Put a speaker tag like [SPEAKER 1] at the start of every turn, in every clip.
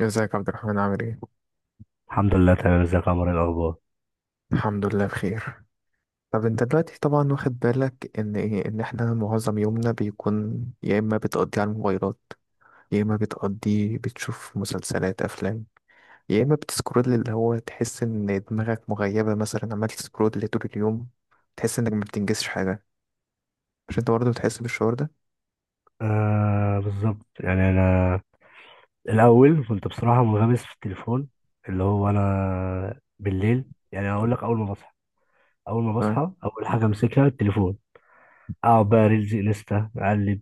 [SPEAKER 1] ازيك يا عبد الرحمن، عامل ايه؟
[SPEAKER 2] الحمد لله تمام، ازيك يا عمر؟ ايه الاخبار؟
[SPEAKER 1] الحمد لله بخير. طب انت دلوقتي طبعا واخد بالك ان ايه، ان احنا معظم يومنا بيكون يا اما بتقضيه على الموبايلات، يا اما بتقضيه بتشوف مسلسلات افلام، يا اما بتسكرول، اللي هو تحس ان دماغك مغيبة، مثلا عمال تسكرول طول اليوم تحس انك ما بتنجزش حاجة. مش انت برضه بتحس بالشعور ده؟
[SPEAKER 2] آه بالظبط، يعني انا الاول كنت بصراحه منغمس في التليفون. اللي هو انا بالليل يعني اقول لك، اول ما بصحى
[SPEAKER 1] تمام.
[SPEAKER 2] اول حاجه امسكها التليفون. اقعد بقى ريلز انستا اقلب،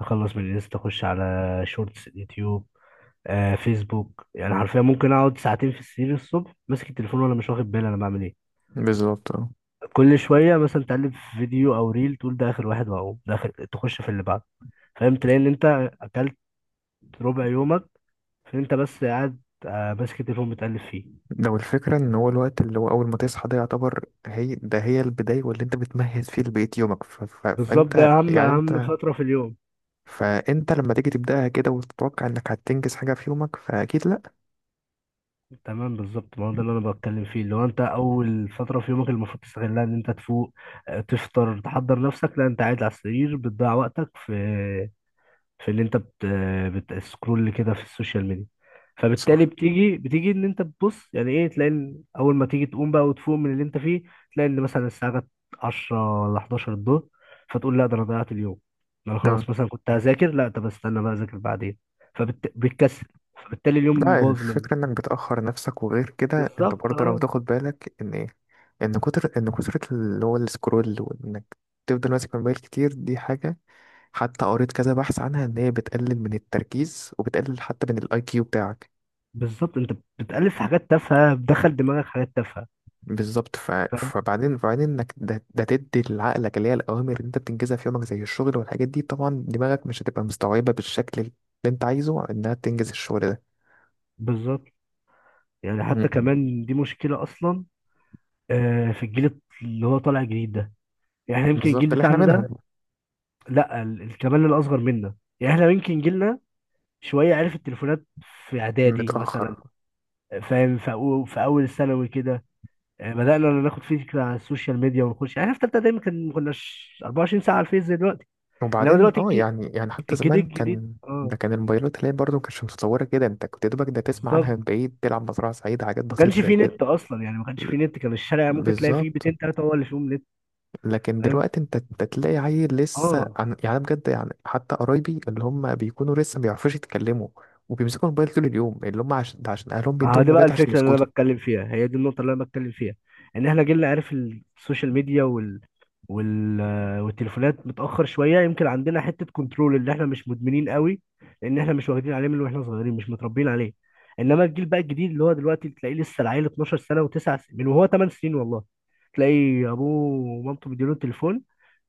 [SPEAKER 2] اخلص من الانستا اخش على شورتس يوتيوب، فيسبوك. يعني حرفيا ممكن اقعد ساعتين في السرير الصبح ماسك التليفون وانا مش واخد بالي انا بعمل ايه.
[SPEAKER 1] بالظبط اه.
[SPEAKER 2] كل شويه مثلا تقلب في فيديو او ريل تقول ده اخر واحد، واقوم ده اخر تخش في اللي بعده. فاهم، تلاقي ان انت اكلت ربع يومك، فانت بس قاعد، ماسك التليفون بتقلب فيه.
[SPEAKER 1] لو الفكرة ان هو الوقت اللي هو اول ما تصحى ده يعتبر هي ده هي البداية واللي انت بتمهد فيه لبقية يومك، ف... ف...
[SPEAKER 2] بالظبط، ده
[SPEAKER 1] فانت
[SPEAKER 2] اهم
[SPEAKER 1] يعني
[SPEAKER 2] اهم
[SPEAKER 1] انت،
[SPEAKER 2] فتره في اليوم.
[SPEAKER 1] فانت لما تيجي تبداها كده وتتوقع انك هتنجز حاجه في يومك فاكيد لا.
[SPEAKER 2] تمام بالظبط، ما هو ده اللي انا بتكلم فيه، اللي هو انت اول فتره في يومك المفروض تستغلها ان انت تفوق، تفطر تحضر نفسك. لا انت قاعد على السرير بتضيع وقتك في في اللي انت بت... بتسكرول كده في السوشيال ميديا. فبالتالي
[SPEAKER 1] صح.
[SPEAKER 2] بتيجي ان انت بتبص، يعني ايه؟ تلاقي ان اول ما تيجي تقوم بقى وتفوق من اللي انت فيه، تلاقي ان مثلا الساعه جت 10 ولا 11 الظهر. فتقول لا، ده انا ضيعت اليوم، ده انا
[SPEAKER 1] لا،
[SPEAKER 2] خلاص، مثلا كنت هذاكر، لا طب استنى بقى اذاكر بعدين. فبتكسل، فبالتالي اليوم
[SPEAKER 1] لا
[SPEAKER 2] باظ منك.
[SPEAKER 1] الفكره انك بتاخر نفسك، وغير كده انت
[SPEAKER 2] بالظبط
[SPEAKER 1] برضه لو
[SPEAKER 2] اه.
[SPEAKER 1] تاخد بالك ان ايه، ان كتر اللي هو السكرول، وانك تفضل ماسك الموبايل كتير دي حاجه. حتى قريت كذا بحث عنها ان هي بتقلل من التركيز وبتقلل حتى من الاي كيو بتاعك.
[SPEAKER 2] بالظبط انت بتألف في حاجات تافهه، بتدخل دماغك حاجات تافهه.
[SPEAKER 1] بالظبط.
[SPEAKER 2] فاهم.
[SPEAKER 1] فبعدين انك ده تدي لعقلك اللي هي الاوامر اللي انت بتنجزها في يومك زي الشغل والحاجات دي، طبعا دماغك مش هتبقى مستوعبه بالشكل اللي انت عايزه انها تنجز الشغل ده.
[SPEAKER 2] بالظبط، يعني حتى
[SPEAKER 1] مم.
[SPEAKER 2] كمان دي مشكله اصلا، في الجيل اللي هو طالع جديد ده، يعني يمكن الجيل
[SPEAKER 1] بالظبط اللي احنا
[SPEAKER 2] بتاعنا ده،
[SPEAKER 1] منهم.
[SPEAKER 2] لا كمان الاصغر منا. يعني احنا يمكن جيلنا شويه عرف التليفونات في اعدادي
[SPEAKER 1] متاخر.
[SPEAKER 2] مثلا، فاهم، في في اول ثانوي كده يعني بدانا ناخد فكره عن السوشيال ميديا ونخش. يعني احنا في ثالثه دايما كان، ما كناش 24 ساعه على الفيس زي دلوقتي. انما
[SPEAKER 1] وبعدين
[SPEAKER 2] دلوقتي
[SPEAKER 1] اه، يعني حتى
[SPEAKER 2] الجيل
[SPEAKER 1] زمان
[SPEAKER 2] الجديد
[SPEAKER 1] كان،
[SPEAKER 2] اه.
[SPEAKER 1] ده كان الموبايلات اللي هي برضه مكانتش متطوره كده، انت كنت يا دوبك ده تسمع عنها
[SPEAKER 2] بالظبط،
[SPEAKER 1] من بعيد، تلعب مزرعه سعيده، حاجات
[SPEAKER 2] ما
[SPEAKER 1] بسيطه
[SPEAKER 2] كانش
[SPEAKER 1] زي
[SPEAKER 2] فيه
[SPEAKER 1] كده.
[SPEAKER 2] نت اصلا، يعني ما كانش فيه نت، كان الشارع ممكن تلاقي فيه
[SPEAKER 1] بالظبط.
[SPEAKER 2] بيتين ثلاثه هو اللي فيهم نت.
[SPEAKER 1] لكن
[SPEAKER 2] فاهم
[SPEAKER 1] دلوقتي انت تلاقي عيل لسه
[SPEAKER 2] اه.
[SPEAKER 1] عن... يعني أنا بجد، يعني حتى قرايبي اللي هم بيكونوا لسه ما بيعرفوش يتكلموا وبيمسكوا الموبايل طول اليوم، اللي هم عشان ده عشان اهلهم
[SPEAKER 2] ما هو
[SPEAKER 1] بيدوهم
[SPEAKER 2] دي بقى
[SPEAKER 1] موبايلات عشان
[SPEAKER 2] الفكرة اللي أنا
[SPEAKER 1] يسكتوا،
[SPEAKER 2] بتكلم فيها، هي دي النقطة اللي أنا بتكلم فيها، إن إحنا جيلنا عارف السوشيال ميديا وال... والتليفونات متأخر شوية، يمكن عندنا حتة كنترول، اللي إحنا مش مدمنين قوي، لأن إحنا مش واخدين عليه من وإحنا صغيرين، مش متربيين عليه. إنما الجيل بقى الجديد اللي هو دلوقتي تلاقيه لسه العيل 12 سنة و9 سنين، من وهو 8 سنين والله، تلاقي أبوه ومامته مديله التليفون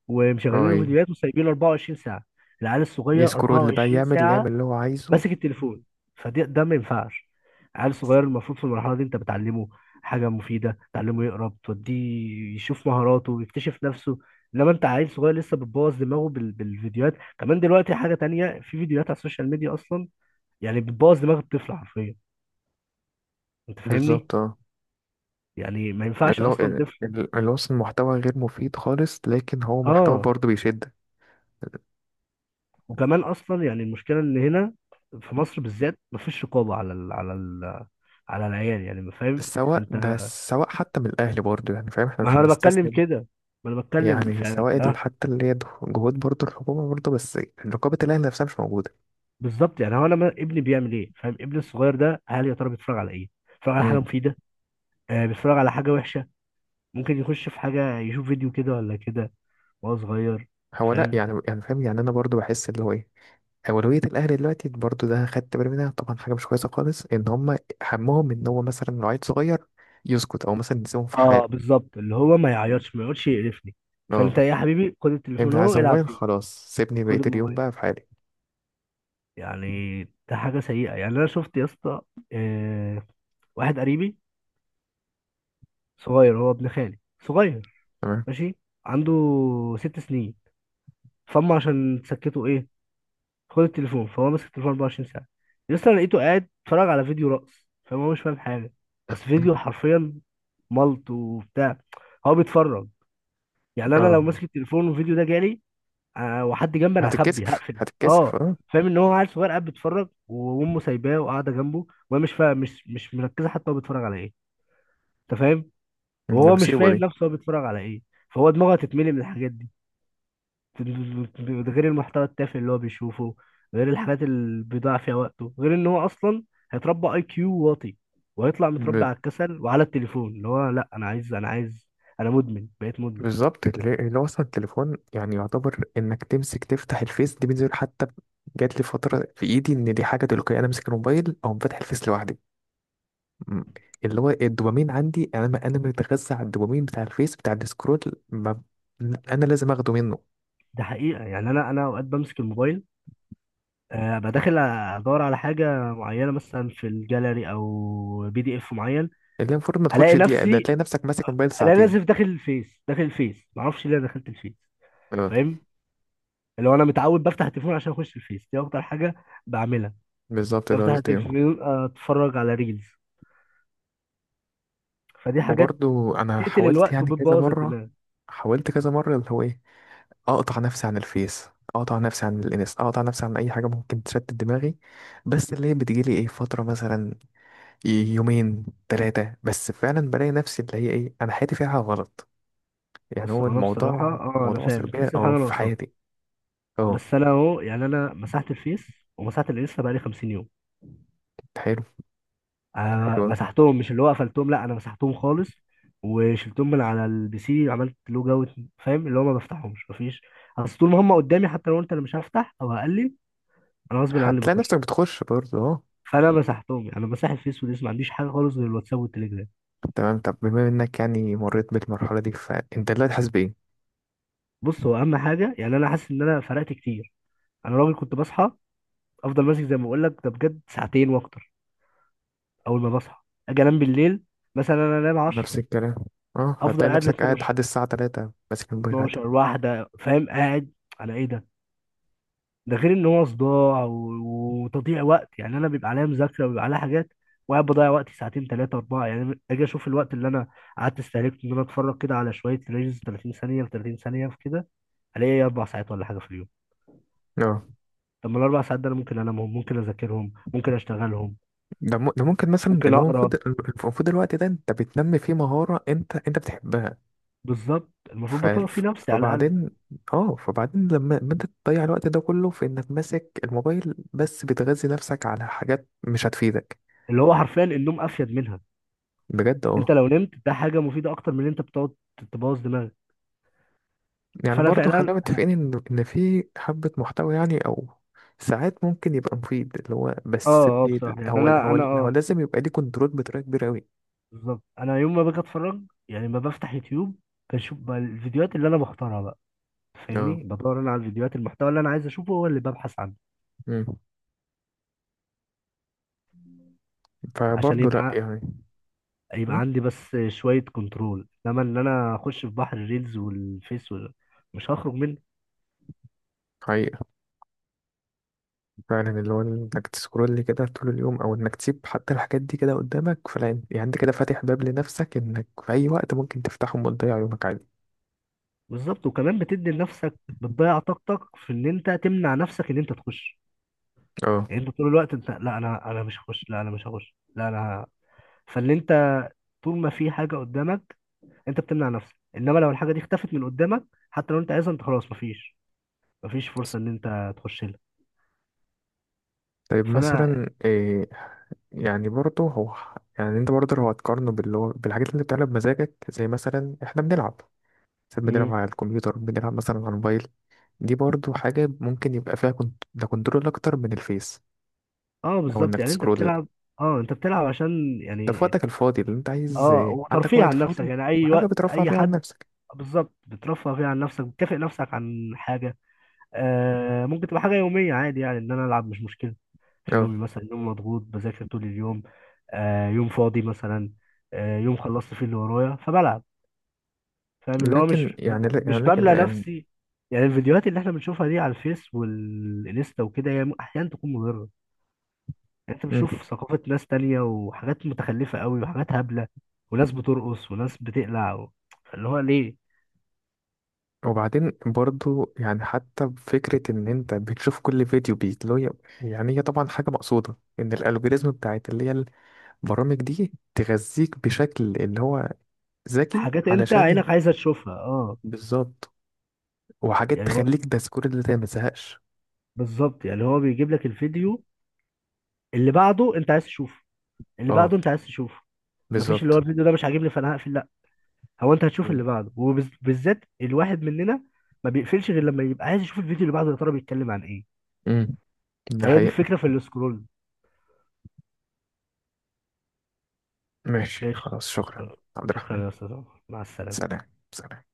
[SPEAKER 2] ومشغلين له
[SPEAKER 1] اي
[SPEAKER 2] فيديوهات وسايبينه 24 ساعة. العيال الصغير
[SPEAKER 1] يسكروا اللي بقى
[SPEAKER 2] 24
[SPEAKER 1] يعمل اللي
[SPEAKER 2] ساعة
[SPEAKER 1] يعمل اللي هو عايزه.
[SPEAKER 2] ماسك التليفون. فده ما ينفعش. عيل صغير المفروض في المرحله دي انت بتعلمه حاجه مفيده، تعلمه يقرا، بتوديه يشوف مهاراته، يكتشف نفسه. انما انت عيل صغير لسه بتبوظ دماغه بالفيديوهات. كمان دلوقتي حاجه تانية، في فيديوهات على السوشيال ميديا اصلا يعني بتبوظ دماغ الطفل حرفيا. انت فاهمني،
[SPEAKER 1] بالظبط اه.
[SPEAKER 2] يعني ما ينفعش
[SPEAKER 1] اللي هو
[SPEAKER 2] اصلا طفل.
[SPEAKER 1] اللي هو أصلاً محتوى غير مفيد خالص، لكن هو محتوى
[SPEAKER 2] اه،
[SPEAKER 1] برضه بيشد.
[SPEAKER 2] وكمان اصلا يعني المشكله ان هنا في مصر بالذات مفيش رقابه على العيال، يعني ما فاهم
[SPEAKER 1] سواء
[SPEAKER 2] انت.
[SPEAKER 1] ده، سواء حتى من الأهل برضه، يعني فاهم احنا
[SPEAKER 2] ما
[SPEAKER 1] مش
[SPEAKER 2] هو انا بتكلم
[SPEAKER 1] هنستسلم.
[SPEAKER 2] كده، ما انا بتكلم في
[SPEAKER 1] يعني
[SPEAKER 2] في
[SPEAKER 1] سواء ال-
[SPEAKER 2] الأهل.
[SPEAKER 1] حتى اللي هي جهود برضه الحكومة برضه، بس رقابة الأهل نفسها مش موجودة.
[SPEAKER 2] بالظبط، يعني هو انا ابني بيعمل ايه؟ فاهم؟ ابني الصغير ده، هل يا ترى بيتفرج على ايه؟ بيتفرج على حاجه مفيده، آه بيتفرج على حاجه وحشه؟ ممكن يخش في حاجه يشوف فيديو كده ولا كده وهو صغير.
[SPEAKER 1] هو لا،
[SPEAKER 2] فاهم
[SPEAKER 1] يعني يعني فاهم، يعني انا برضو بحس اللي هو ايه، اولويه الاهلي دلوقتي برضو ده خدت بالي منها، طبعا حاجه مش كويسه خالص ان هم همهم ان هو مثلا لو عيل صغير يسكت او مثلا يسيبهم في
[SPEAKER 2] اه.
[SPEAKER 1] حاله.
[SPEAKER 2] بالظبط، اللي هو ما يعيطش ما يقعدش يقرفني.
[SPEAKER 1] اه.
[SPEAKER 2] فانت ايه يا حبيبي، خد التليفون
[SPEAKER 1] انت عايز
[SPEAKER 2] اهو العب
[SPEAKER 1] موبايل
[SPEAKER 2] بيه،
[SPEAKER 1] خلاص سيبني
[SPEAKER 2] خد
[SPEAKER 1] بقيه اليوم
[SPEAKER 2] الموبايل.
[SPEAKER 1] بقى في حالي.
[SPEAKER 2] يعني ده حاجه سيئه. يعني انا شفت يا اسطى، آه، واحد قريبي صغير، هو ابن خالي صغير،
[SPEAKER 1] تمام.
[SPEAKER 2] ماشي، عنده 6 سنين، فهم عشان سكتوا ايه، خد التليفون، فهو ماسك التليفون 24 ساعه. لسه انا لقيته قاعد اتفرج على فيديو رقص فهو مش فاهم حاجه، بس فيديو حرفيا ملط وبتاع هو بيتفرج. يعني انا لو
[SPEAKER 1] اه.
[SPEAKER 2] ماسك التليفون والفيديو ده جالي وحد جنبي انا هخبي
[SPEAKER 1] هتتكسف
[SPEAKER 2] هقفل،
[SPEAKER 1] هتتكسف
[SPEAKER 2] اه.
[SPEAKER 1] اه.
[SPEAKER 2] فاهم ان هو عيل صغير قاعد بيتفرج وامه سايباه وقاعده جنبه وهي مش فاهم، مش مركزه حتى هو بيتفرج على ايه. انت فاهم؟ وهو مش
[SPEAKER 1] المصيبه
[SPEAKER 2] فاهم
[SPEAKER 1] دي.
[SPEAKER 2] نفسه هو بيتفرج على ايه، فهو دماغه هتتملي من الحاجات دي، غير المحتوى التافه اللي هو بيشوفه، غير الحاجات اللي بيضيع فيها وقته، غير ان هو اصلا هيتربى اي كيو واطي، وهيطلع متربي
[SPEAKER 1] ب...
[SPEAKER 2] على الكسل وعلى التليفون، اللي هو لا انا عايز انا عايز، انا مدمن، بقيت مدمن.
[SPEAKER 1] بالظبط. اللي اللي هو اصلا التليفون يعني، يعتبر انك تمسك تفتح الفيس دي بنزل، حتى جات لي فتره في ايدي ان دي حاجه تلقائيه انا امسك الموبايل او فاتح الفيس لوحدي. مم. اللي هو الدوبامين عندي، انا ما انا متغذى على الدوبامين بتاع الفيس بتاع السكرول، ما انا لازم اخده منه.
[SPEAKER 2] ده حقيقة، يعني انا اوقات بمسك الموبايل، ابقى داخل ادور على حاجة معينة مثلا في الجاليري او بي دي اف معين،
[SPEAKER 1] اللي المفروض ما تاخدش
[SPEAKER 2] الاقي
[SPEAKER 1] دقيقه ده
[SPEAKER 2] نفسي،
[SPEAKER 1] تلاقي نفسك ماسك موبايل
[SPEAKER 2] الاقي
[SPEAKER 1] ساعتين.
[SPEAKER 2] نفسي داخل الفيس، معرفش ليه أنا دخلت الفيس.
[SPEAKER 1] اه
[SPEAKER 2] فاهم؟ لو انا متعود بفتح التليفون عشان اخش الفيس، دي اكتر حاجة بعملها،
[SPEAKER 1] بالظبط ده
[SPEAKER 2] بفتح
[SPEAKER 1] قصدي.
[SPEAKER 2] التلفزيون اتفرج على ريلز. فدي حاجات
[SPEAKER 1] وبرضو انا
[SPEAKER 2] تقتل
[SPEAKER 1] حاولت
[SPEAKER 2] الوقت
[SPEAKER 1] يعني كذا
[SPEAKER 2] وبتبوظ
[SPEAKER 1] مره،
[SPEAKER 2] الدماغ.
[SPEAKER 1] حاولت كذا مره اللي هو ايه، اقطع نفسي عن الفيس، اقطع نفسي عن الانس، اقطع نفسي عن اي حاجه ممكن تشتت دماغي. بس اللي هي بتجيلي ايه، فتره مثلا يومين ثلاثه بس فعلا بلاقي نفسي اللي هي ايه، انا حياتي فيها غلط. يعني
[SPEAKER 2] بص،
[SPEAKER 1] هو
[SPEAKER 2] انا بصراحه
[SPEAKER 1] الموضوع
[SPEAKER 2] انا
[SPEAKER 1] موضوع
[SPEAKER 2] فاهم،
[SPEAKER 1] سلبية
[SPEAKER 2] تحس
[SPEAKER 1] أو
[SPEAKER 2] بحاجه
[SPEAKER 1] في
[SPEAKER 2] ناقصاك.
[SPEAKER 1] حياتي؟ اه.
[SPEAKER 2] بس انا اهو، يعني انا مسحت الفيس ومسحت الانستا بقالي 50 يوم.
[SPEAKER 1] حلو.
[SPEAKER 2] آه،
[SPEAKER 1] حلو أوي.
[SPEAKER 2] مسحتهم مش اللي هو قفلتهم، لا انا مسحتهم خالص، وشلتهم من على البي سي، عملت لوج اوت. فاهم اللي هو ما بفتحهمش، مفيش. اصل طول ما هم قدامي حتى لو قلت انا مش هفتح او هقلل، انا غصب عني
[SPEAKER 1] هتلاقي نفسك
[SPEAKER 2] بخش.
[SPEAKER 1] بتخش برضه اه.
[SPEAKER 2] فانا مسحتهم، يعني انا مسحت الفيس والانستا، ما عنديش حاجه خالص غير الواتساب والتليجرام.
[SPEAKER 1] تمام. طب بما انك يعني مريت بالمرحلة دي، فانت دلوقتي حاسس بإيه؟
[SPEAKER 2] بص، هو اهم حاجه يعني انا حاسس ان انا فرقت كتير. انا راجل كنت بصحى، افضل ماسك، زي ما بقول لك ده بجد، ساعتين واكتر اول ما بصحى. اجي انام بالليل، مثلا انا انام 10،
[SPEAKER 1] نفس الكلام. اه
[SPEAKER 2] افضل
[SPEAKER 1] هتلاقي
[SPEAKER 2] قاعد ل
[SPEAKER 1] نفسك قاعد
[SPEAKER 2] 12،
[SPEAKER 1] لحد الساعة تلاتة ماسك الموبايل عادي.
[SPEAKER 2] 12 واحده، فاهم؟ قاعد على ايه ده؟ ده غير ان هو صداع وتضييع وقت. يعني انا بيبقى عليا مذاكره، وبيبقى عليا حاجات، وقاعد بضيع وقتي ساعتين ثلاثه اربعه. يعني اجي اشوف الوقت اللي انا قعدت استهلكته، ان انا اتفرج كده على شويه ريلز 30 ثانيه في 30 ثانيه في كده، الاقي إيه؟ اربع ساعات ولا حاجه في اليوم.
[SPEAKER 1] اه
[SPEAKER 2] طب ما الاربع ساعات ده انا ممكن انامهم، ممكن اذاكرهم، ممكن اشتغلهم،
[SPEAKER 1] ده ممكن مثلا
[SPEAKER 2] ممكن
[SPEAKER 1] اللي هو المفروض
[SPEAKER 2] اقرا.
[SPEAKER 1] المفروض الوقت ده انت بتنمي فيه مهارة انت بتحبها.
[SPEAKER 2] بالظبط، المفروض
[SPEAKER 1] ف...
[SPEAKER 2] بطور فيه نفسي على الاقل.
[SPEAKER 1] فبعدين اه، فبعدين لما انت تضيع الوقت ده كله في انك ماسك الموبايل بس بتغذي نفسك على حاجات مش هتفيدك.
[SPEAKER 2] اللي هو حرفيا النوم افيد منها.
[SPEAKER 1] بجد
[SPEAKER 2] انت
[SPEAKER 1] اه.
[SPEAKER 2] لو نمت ده حاجه مفيده اكتر من ان انت بتقعد تبوظ دماغك.
[SPEAKER 1] يعني
[SPEAKER 2] فانا
[SPEAKER 1] برضه
[SPEAKER 2] فعلا
[SPEAKER 1] خلينا
[SPEAKER 2] انا
[SPEAKER 1] متفقين ان في حبة محتوى يعني او ساعات ممكن يبقى مفيد اللي هو بس
[SPEAKER 2] اه اه بصراحه يعني
[SPEAKER 1] هو
[SPEAKER 2] انا
[SPEAKER 1] هو
[SPEAKER 2] انا
[SPEAKER 1] هو
[SPEAKER 2] اه
[SPEAKER 1] لازم يبقى ليه كنترول بطريقة كبيرة قوي.
[SPEAKER 2] بالظبط، انا يوم ما باجي اتفرج يعني ما بفتح يوتيوب، بشوف بقى الفيديوهات اللي انا بختارها بقى،
[SPEAKER 1] اه.
[SPEAKER 2] فاهمني، بدور انا على الفيديوهات، المحتوى اللي انا عايز اشوفه هو اللي ببحث عنه،
[SPEAKER 1] مم.
[SPEAKER 2] عشان
[SPEAKER 1] فبرضه لا يعني.
[SPEAKER 2] يبقى
[SPEAKER 1] مم.
[SPEAKER 2] عندي بس شويه كنترول. انما ان انا اخش في بحر الريلز والفيس مش هخرج.
[SPEAKER 1] حقيقة. فعلا اللي هو انك تسكرول كده طول اليوم او انك تسيب حتى الحاجات دي كده قدامك، فلا انت- يعني انت كده فاتح باب لنفسك انك في اي وقت ممكن تفتحهم وتضيع يومك عادي.
[SPEAKER 2] بالظبط، وكمان بتدي لنفسك، بتضيع طاقتك في ان انت تمنع نفسك ان انت تخش.
[SPEAKER 1] اه.
[SPEAKER 2] يعني انت طول الوقت انت، لا انا مش هخش، لا انا مش هخش، لا انا.". فاللي انت طول ما في حاجه قدامك انت بتمنع نفسك، انما لو الحاجه دي اختفت من قدامك، حتى لو انت عايزها، انت خلاص، مفيش، فرصه ان انت تخش لها.
[SPEAKER 1] طيب
[SPEAKER 2] فانا.
[SPEAKER 1] مثلا يعني برضه هو، يعني انت برضه لو هتقارنه باللي هو بالحاجات اللي بتعملها بمزاجك زي مثلا احنا بنلعب ساعات، بنلعب
[SPEAKER 2] مم.
[SPEAKER 1] على الكمبيوتر، بنلعب مثلا على الموبايل، دي برضه حاجة ممكن يبقى فيها ده كنترول أكتر من الفيس،
[SPEAKER 2] اه
[SPEAKER 1] أو
[SPEAKER 2] بالظبط،
[SPEAKER 1] إنك
[SPEAKER 2] يعني انت
[SPEAKER 1] تسكرول،
[SPEAKER 2] بتلعب. اه، انت بتلعب عشان
[SPEAKER 1] ده في
[SPEAKER 2] يعني
[SPEAKER 1] وقتك الفاضي اللي انت عايز،
[SPEAKER 2] اه،
[SPEAKER 1] عندك
[SPEAKER 2] وترفيه
[SPEAKER 1] وقت
[SPEAKER 2] عن نفسك،
[SPEAKER 1] فاضي
[SPEAKER 2] يعني اي
[SPEAKER 1] وحاجة
[SPEAKER 2] وقت
[SPEAKER 1] بترفع
[SPEAKER 2] اي
[SPEAKER 1] فيها عن
[SPEAKER 2] حد.
[SPEAKER 1] نفسك.
[SPEAKER 2] بالظبط، بترفه فيه عن نفسك، بتكافئ نفسك عن حاجه. آه، ممكن تبقى حاجة يومية عادي، يعني إن أنا ألعب مش مشكلة في
[SPEAKER 1] اه
[SPEAKER 2] يومي، مثلا يوم مضغوط بذاكر طول اليوم، آه يوم فاضي مثلا، آه يوم خلصت فيه اللي ورايا فبلعب. فاهم اللي هو
[SPEAKER 1] لكن
[SPEAKER 2] مش،
[SPEAKER 1] يعني لا، يعني لكن
[SPEAKER 2] بملى
[SPEAKER 1] يعني.
[SPEAKER 2] نفسي. يعني الفيديوهات اللي احنا بنشوفها دي على الفيس والانستا وكده هي أحيانا تكون مضرة. يعني أنت
[SPEAKER 1] مم.
[SPEAKER 2] بتشوف ثقافة ناس تانية، وحاجات متخلفة قوي وحاجات هبلة وناس بترقص وناس بتقلع اللي هو ليه.
[SPEAKER 1] وبعدين برضه يعني حتى فكرة إن أنت بتشوف كل فيديو بيتلو، يعني هي طبعا حاجة مقصودة، إن الألجوريزم بتاعت اللي هي البرامج دي تغذيك بشكل اللي هو ذكي
[SPEAKER 2] حاجات أنت
[SPEAKER 1] علشان
[SPEAKER 2] عينك عايزة تشوفها أه.
[SPEAKER 1] بالظبط. وحاجات
[SPEAKER 2] يعني هو
[SPEAKER 1] تخليك ده سكور اللي انت ما تزهقش.
[SPEAKER 2] بالظبط، يعني هو بيجيب لك الفيديو اللي بعده انت عايز تشوفه، اللي
[SPEAKER 1] اه
[SPEAKER 2] بعده انت عايز تشوفه. مفيش اللي هو
[SPEAKER 1] بالظبط.
[SPEAKER 2] الفيديو ده مش عاجبني فانا هقفل، لا، هو انت هتشوف اللي بعده. وبالذات الواحد مننا ما بيقفلش غير لما يبقى عايز يشوف الفيديو اللي بعده يا ترى بيتكلم عن ايه.
[SPEAKER 1] امم. ده
[SPEAKER 2] هي دي
[SPEAKER 1] حقيقة.
[SPEAKER 2] الفكرة في السكرول.
[SPEAKER 1] ماشي
[SPEAKER 2] ماشي،
[SPEAKER 1] خلاص، شكرا عبد الرحمن.
[SPEAKER 2] شكرا يا استاذ عمر. مع السلامة.
[SPEAKER 1] سلام سلام.